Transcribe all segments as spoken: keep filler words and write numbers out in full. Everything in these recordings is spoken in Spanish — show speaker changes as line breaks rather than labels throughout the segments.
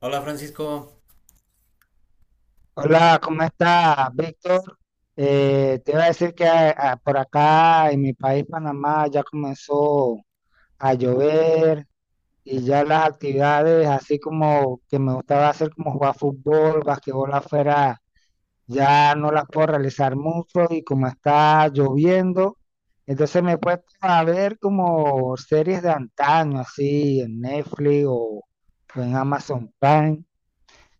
Hola Francisco.
Hola, ¿cómo estás, Víctor? Eh, te iba a decir que a- por acá en mi país, Panamá, ya comenzó a llover y ya las actividades, así como que me gustaba hacer como jugar fútbol, basquetbol afuera, ya no las puedo realizar mucho y como está lloviendo, entonces me he puesto a ver como series de antaño, así en Netflix o o en Amazon Prime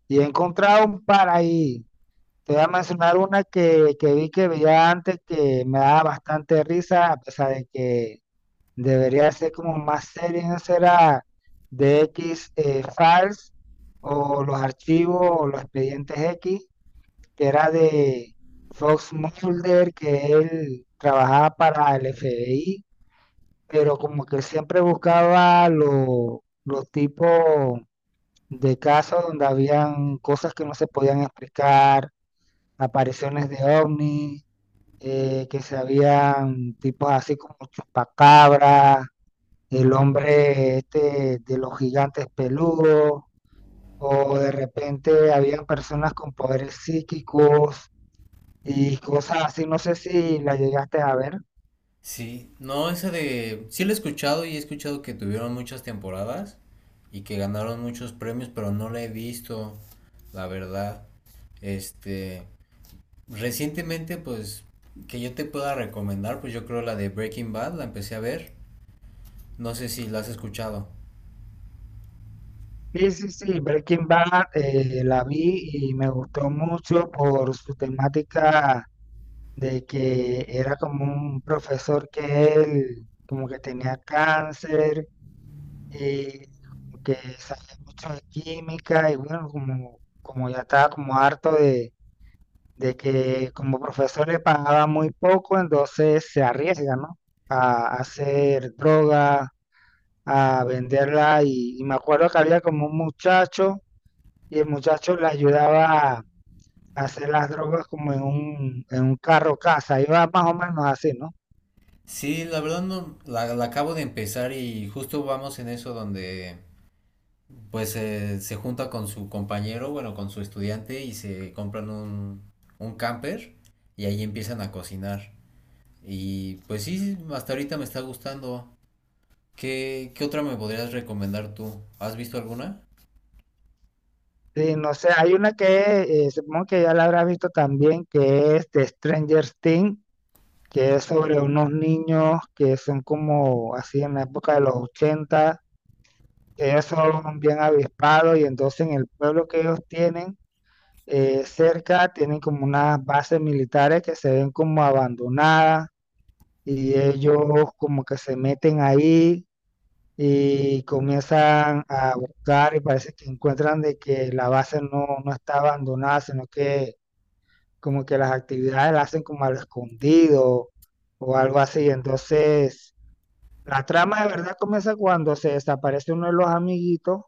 y he encontrado un par ahí. Te voy a mencionar una que, que vi que veía antes que me daba bastante risa, a pesar de que debería ser como más seria, ¿no será? De X eh, Files o los archivos o los expedientes X, que era de Fox Mulder, que él trabajaba para el F B I, pero como que siempre buscaba lo- los tipos de casos donde habían cosas que no se podían explicar, apariciones de ovnis, eh, que se habían tipos así como chupacabra, el hombre este de los gigantes peludos, o de repente habían personas con poderes psíquicos y cosas así, no sé si la llegaste a ver.
Sí, no, esa de... sí la he escuchado y he escuchado que tuvieron muchas temporadas y que ganaron muchos premios, pero no la he visto, la verdad. Este, recientemente, pues que yo te pueda recomendar, pues yo creo la de Breaking Bad, la empecé a ver. No sé si la has escuchado.
Sí, sí, sí, Breaking Bad, eh, la vi y me gustó mucho por su temática de que era como un profesor que él como que tenía cáncer, eh, como que sabía mucho de química y bueno, como, como ya estaba como harto de, de que como profesor le pagaba muy poco, entonces se arriesga, ¿no? A, a hacer droga, a venderla y, y me acuerdo que había como un muchacho y el muchacho le ayudaba a hacer las drogas como en un, en un carro casa, iba más o menos así, ¿no?
Sí, la verdad no, la, la acabo de empezar y justo vamos en eso donde pues eh, se junta con su compañero, bueno, con su estudiante y se compran un, un camper y ahí empiezan a cocinar. Y pues sí, hasta ahorita me está gustando. ¿Qué, qué otra me podrías recomendar tú? ¿Has visto alguna?
Sí, no sé, hay una que eh, supongo que ya la habrá visto también, que es de Stranger Things, que es sobre unos niños que son como así en la época de los ochenta, que ellos son bien avispados y entonces en el pueblo que ellos tienen, eh, cerca tienen como unas bases militares que se ven como abandonadas y ellos como que se meten ahí y comienzan a buscar y parece que encuentran de que la base no, no está abandonada, sino que como que las actividades las hacen como al escondido o algo así. Entonces la trama de verdad comienza cuando se desaparece uno de los amiguitos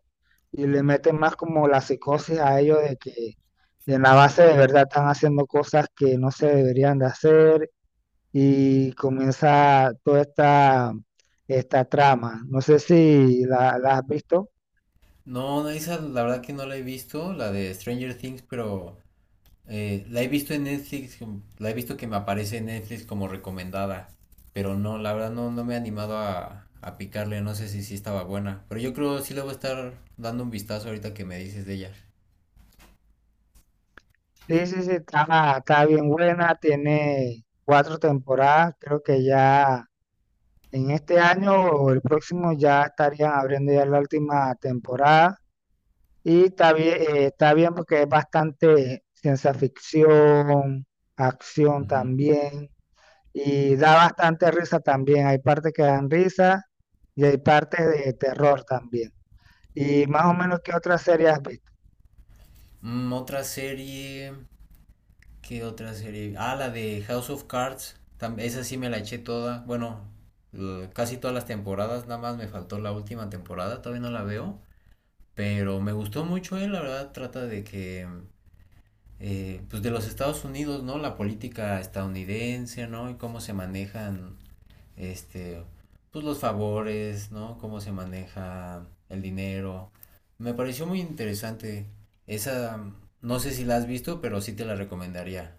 y le meten más como la psicosis a ellos de que en la base de verdad están haciendo cosas que no se deberían de hacer y comienza toda esta, esta trama. No sé si la, la has visto.
No, esa la verdad que no la he visto, la de Stranger Things, pero Eh, la he visto en Netflix, como- la he visto que me aparece en Netflix como recomendada, pero no, la verdad no, no me he animado a, a picarle, no sé si sí estaba buena, pero yo creo sí le voy a estar dando un vistazo ahorita que me dices de ella.
Sí, sí, sí, está, está bien buena, tiene cuatro temporadas, creo que ya en este año o el próximo ya estarían abriendo ya la última temporada. Y está bien, eh, está bien porque es bastante ciencia ficción, acción
Ujú.
también, y da bastante risa también. Hay partes que dan risa y hay partes de terror también. Y más o menos, ¿qué otra serie has visto?
Mm, otra serie, ¿qué otra serie? Ah, la de House of Cards, tam- esa sí me la eché toda, bueno, eh, casi todas las temporadas, nada más me faltó la última temporada, todavía no la veo, pero me gustó mucho. Eh, la verdad trata de que... eh, pues de los Estados Unidos, ¿no? La política estadounidense, ¿no? Y cómo se manejan, este, pues los favores, ¿no? Cómo se maneja el dinero. Me pareció muy interesante. Esa, no sé si la has visto, pero sí te la recomendaría.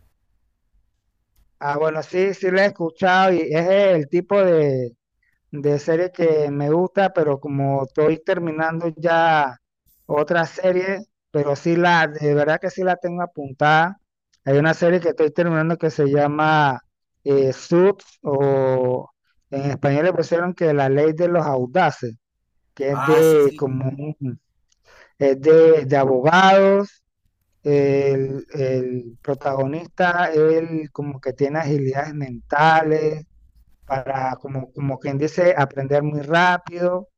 Ah, bueno, sí, sí la he escuchado y es el tipo de, de serie que me gusta, pero como estoy terminando ya otra serie, pero sí la, de verdad que sí la tengo apuntada. Hay una serie que estoy terminando que se llama eh, Suits, o en español le pusieron que la ley de los audaces, que es
Ah, sí,
de
sí.
como un- es de, de abogados. El, el protagonista, él como que tiene agilidades mentales, para, como, como quien dice, aprender muy rápido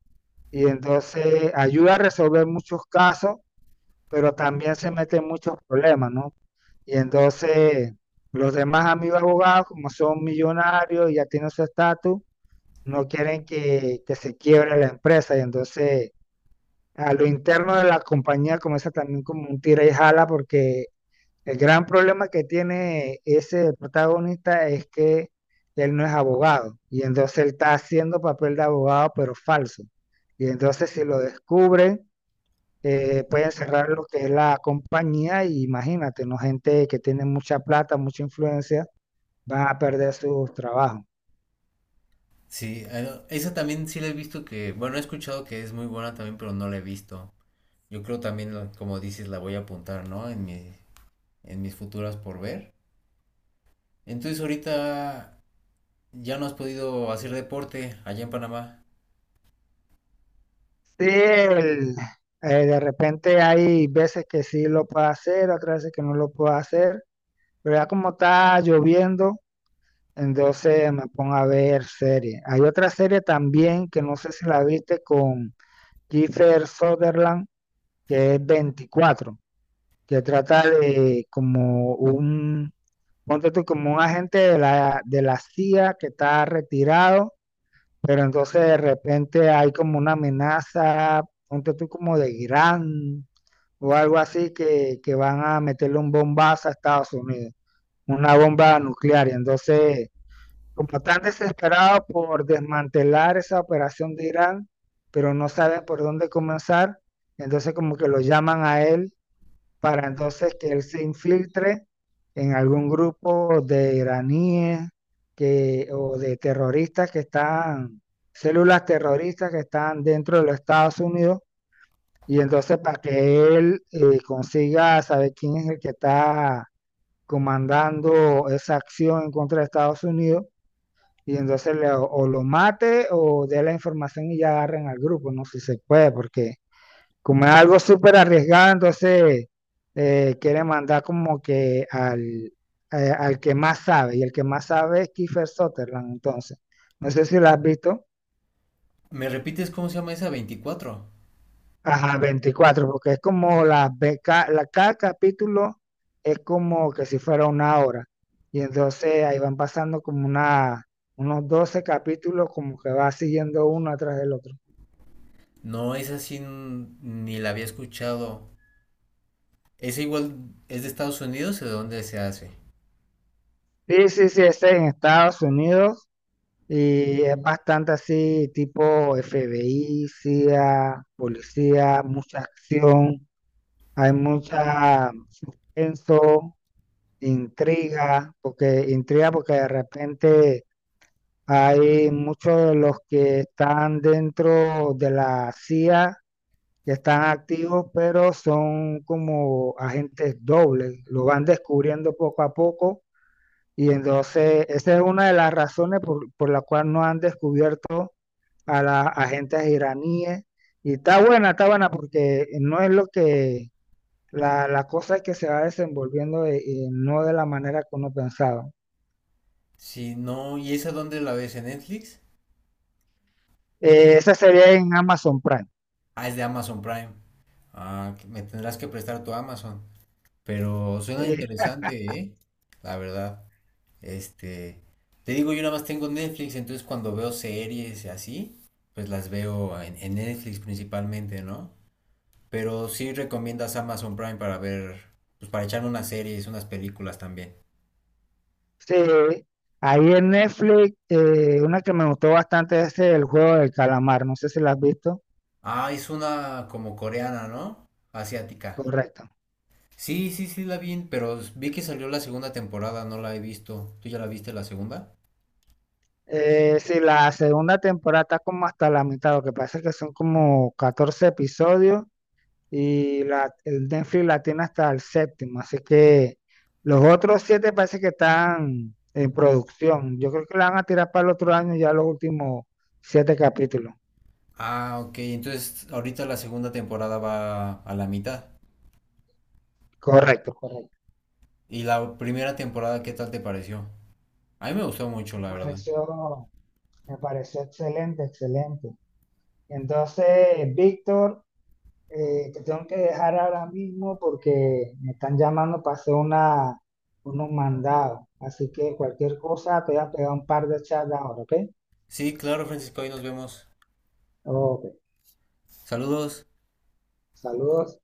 y entonces ayuda a resolver muchos casos, pero también se mete en muchos problemas, ¿no? Y entonces los demás amigos abogados, como son millonarios y ya tienen su estatus, no quieren que, que se quiebre la empresa y entonces a lo interno de la compañía comienza también como un tira y jala porque el gran problema que tiene ese protagonista es que él no es abogado y entonces él está haciendo papel de abogado pero falso. Y entonces si lo descubren, eh, pueden cerrar lo que es la compañía y imagínate, ¿no? Gente que tiene mucha plata, mucha influencia, van a perder sus trabajos.
Sí, eh, esa también sí la he visto que, bueno, he escuchado que es muy buena también, pero no la he visto. Yo creo también, la- como dices, la voy a apuntar, ¿no? En mi, en mis futuras por ver. Entonces ahorita ya no has podido hacer deporte allá en Panamá.
Sí, el- eh, de repente hay veces que sí lo puede hacer, otras veces que no lo puede hacer, pero ya como está lloviendo, entonces me pongo a ver series. Hay otra serie también que no sé si la viste con Kiefer Sutherland, que es veinticuatro, que trata de como un, ponte tú, como un agente de la, de la C I A que está retirado, pero entonces de repente hay como una amenaza, ponte tú como de Irán o algo así, que, que van a meterle un bombazo a Estados Unidos, una bomba nuclear. Y entonces como tan desesperado por desmantelar esa operación de Irán, pero no saben por dónde comenzar, entonces como que lo llaman a él para entonces que él se infiltre en algún grupo de iraníes que, o de terroristas que están, células terroristas que están dentro de los Estados Unidos, y entonces para que él eh, consiga saber quién es el que está comandando esa acción en contra de Estados Unidos y entonces le- o lo mate o dé la información y ya agarren al grupo, no sé si se puede, porque como es algo súper arriesgado, entonces eh, quiere mandar como que al, eh, al que más sabe, y el que más sabe es Kiefer Sutherland, entonces. No sé si lo has visto.
¿Me repites cómo se llama esa veinticuatro?
Ajá, veinticuatro, porque es como la, ve- ca- la, cada capítulo es como que si fuera una hora. Y entonces ahí van pasando como una, unos doce capítulos, como que va siguiendo uno atrás del otro.
No, esa sí n- ni la había escuchado. ¿Esa igual es de Estados Unidos o de dónde se hace?
Sí, sí, sí, es en Estados Unidos y es bastante así, tipo F B I, C I A, policía, mucha acción, hay mucha suspenso, intriga, porque intriga porque de repente hay muchos de los que están dentro de la C I A que están activos, pero son como agentes dobles, lo van descubriendo poco a poco y entonces, esa es una de las razones por, por la cual no han descubierto a las agentes iraníes. Y está buena, está buena, porque no es lo que, la, la cosa es que se va desenvolviendo, eh, eh, no de la manera que uno pensaba.
Sí, no, ¿y esa dónde la ves en Netflix?
Eh, esa sería en Amazon Prime.
Ah, es de Amazon Prime. Ah, que me tendrás que prestar tu Amazon. Pero suena
Sí,
interesante, ¿eh? La verdad. Este, te digo, yo nada más tengo Netflix, entonces cuando veo series y así, pues las veo en, en Netflix principalmente, ¿no? Pero sí recomiendas Amazon Prime para ver, pues para echarme unas series, unas películas también.
sí. Ahí en Netflix, eh, una que me gustó bastante es el juego del calamar, no sé si la has visto.
Ah, es una como coreana, ¿no? Asiática.
Correcto.
Sí, sí, sí la vi, pero vi que salió la segunda temporada, no la he visto. ¿Tú ya la viste la segunda?
Eh, sí, la segunda temporada está como hasta la mitad, lo que pasa es que son como catorce episodios y la, el Netflix la tiene hasta el séptimo, así que los otros siete parece que están en producción. Yo creo que la van a tirar para el otro año ya los últimos siete capítulos.
Ah, ok, entonces ahorita la segunda temporada va a la mitad.
Correcto, correcto.
¿Y la primera temporada qué tal te pareció? A mí me gustó mucho,
Me
la verdad.
pareció, me pareció excelente, excelente. Entonces, Víctor, Eh, te tengo que dejar ahora mismo porque me están llamando para hacer una, unos mandados. Así que cualquier cosa te voy a pegar un par de chats ahora, ¿ok?
Sí, claro, Francisco, ahí nos vemos.
Ok,
Saludos.
saludos.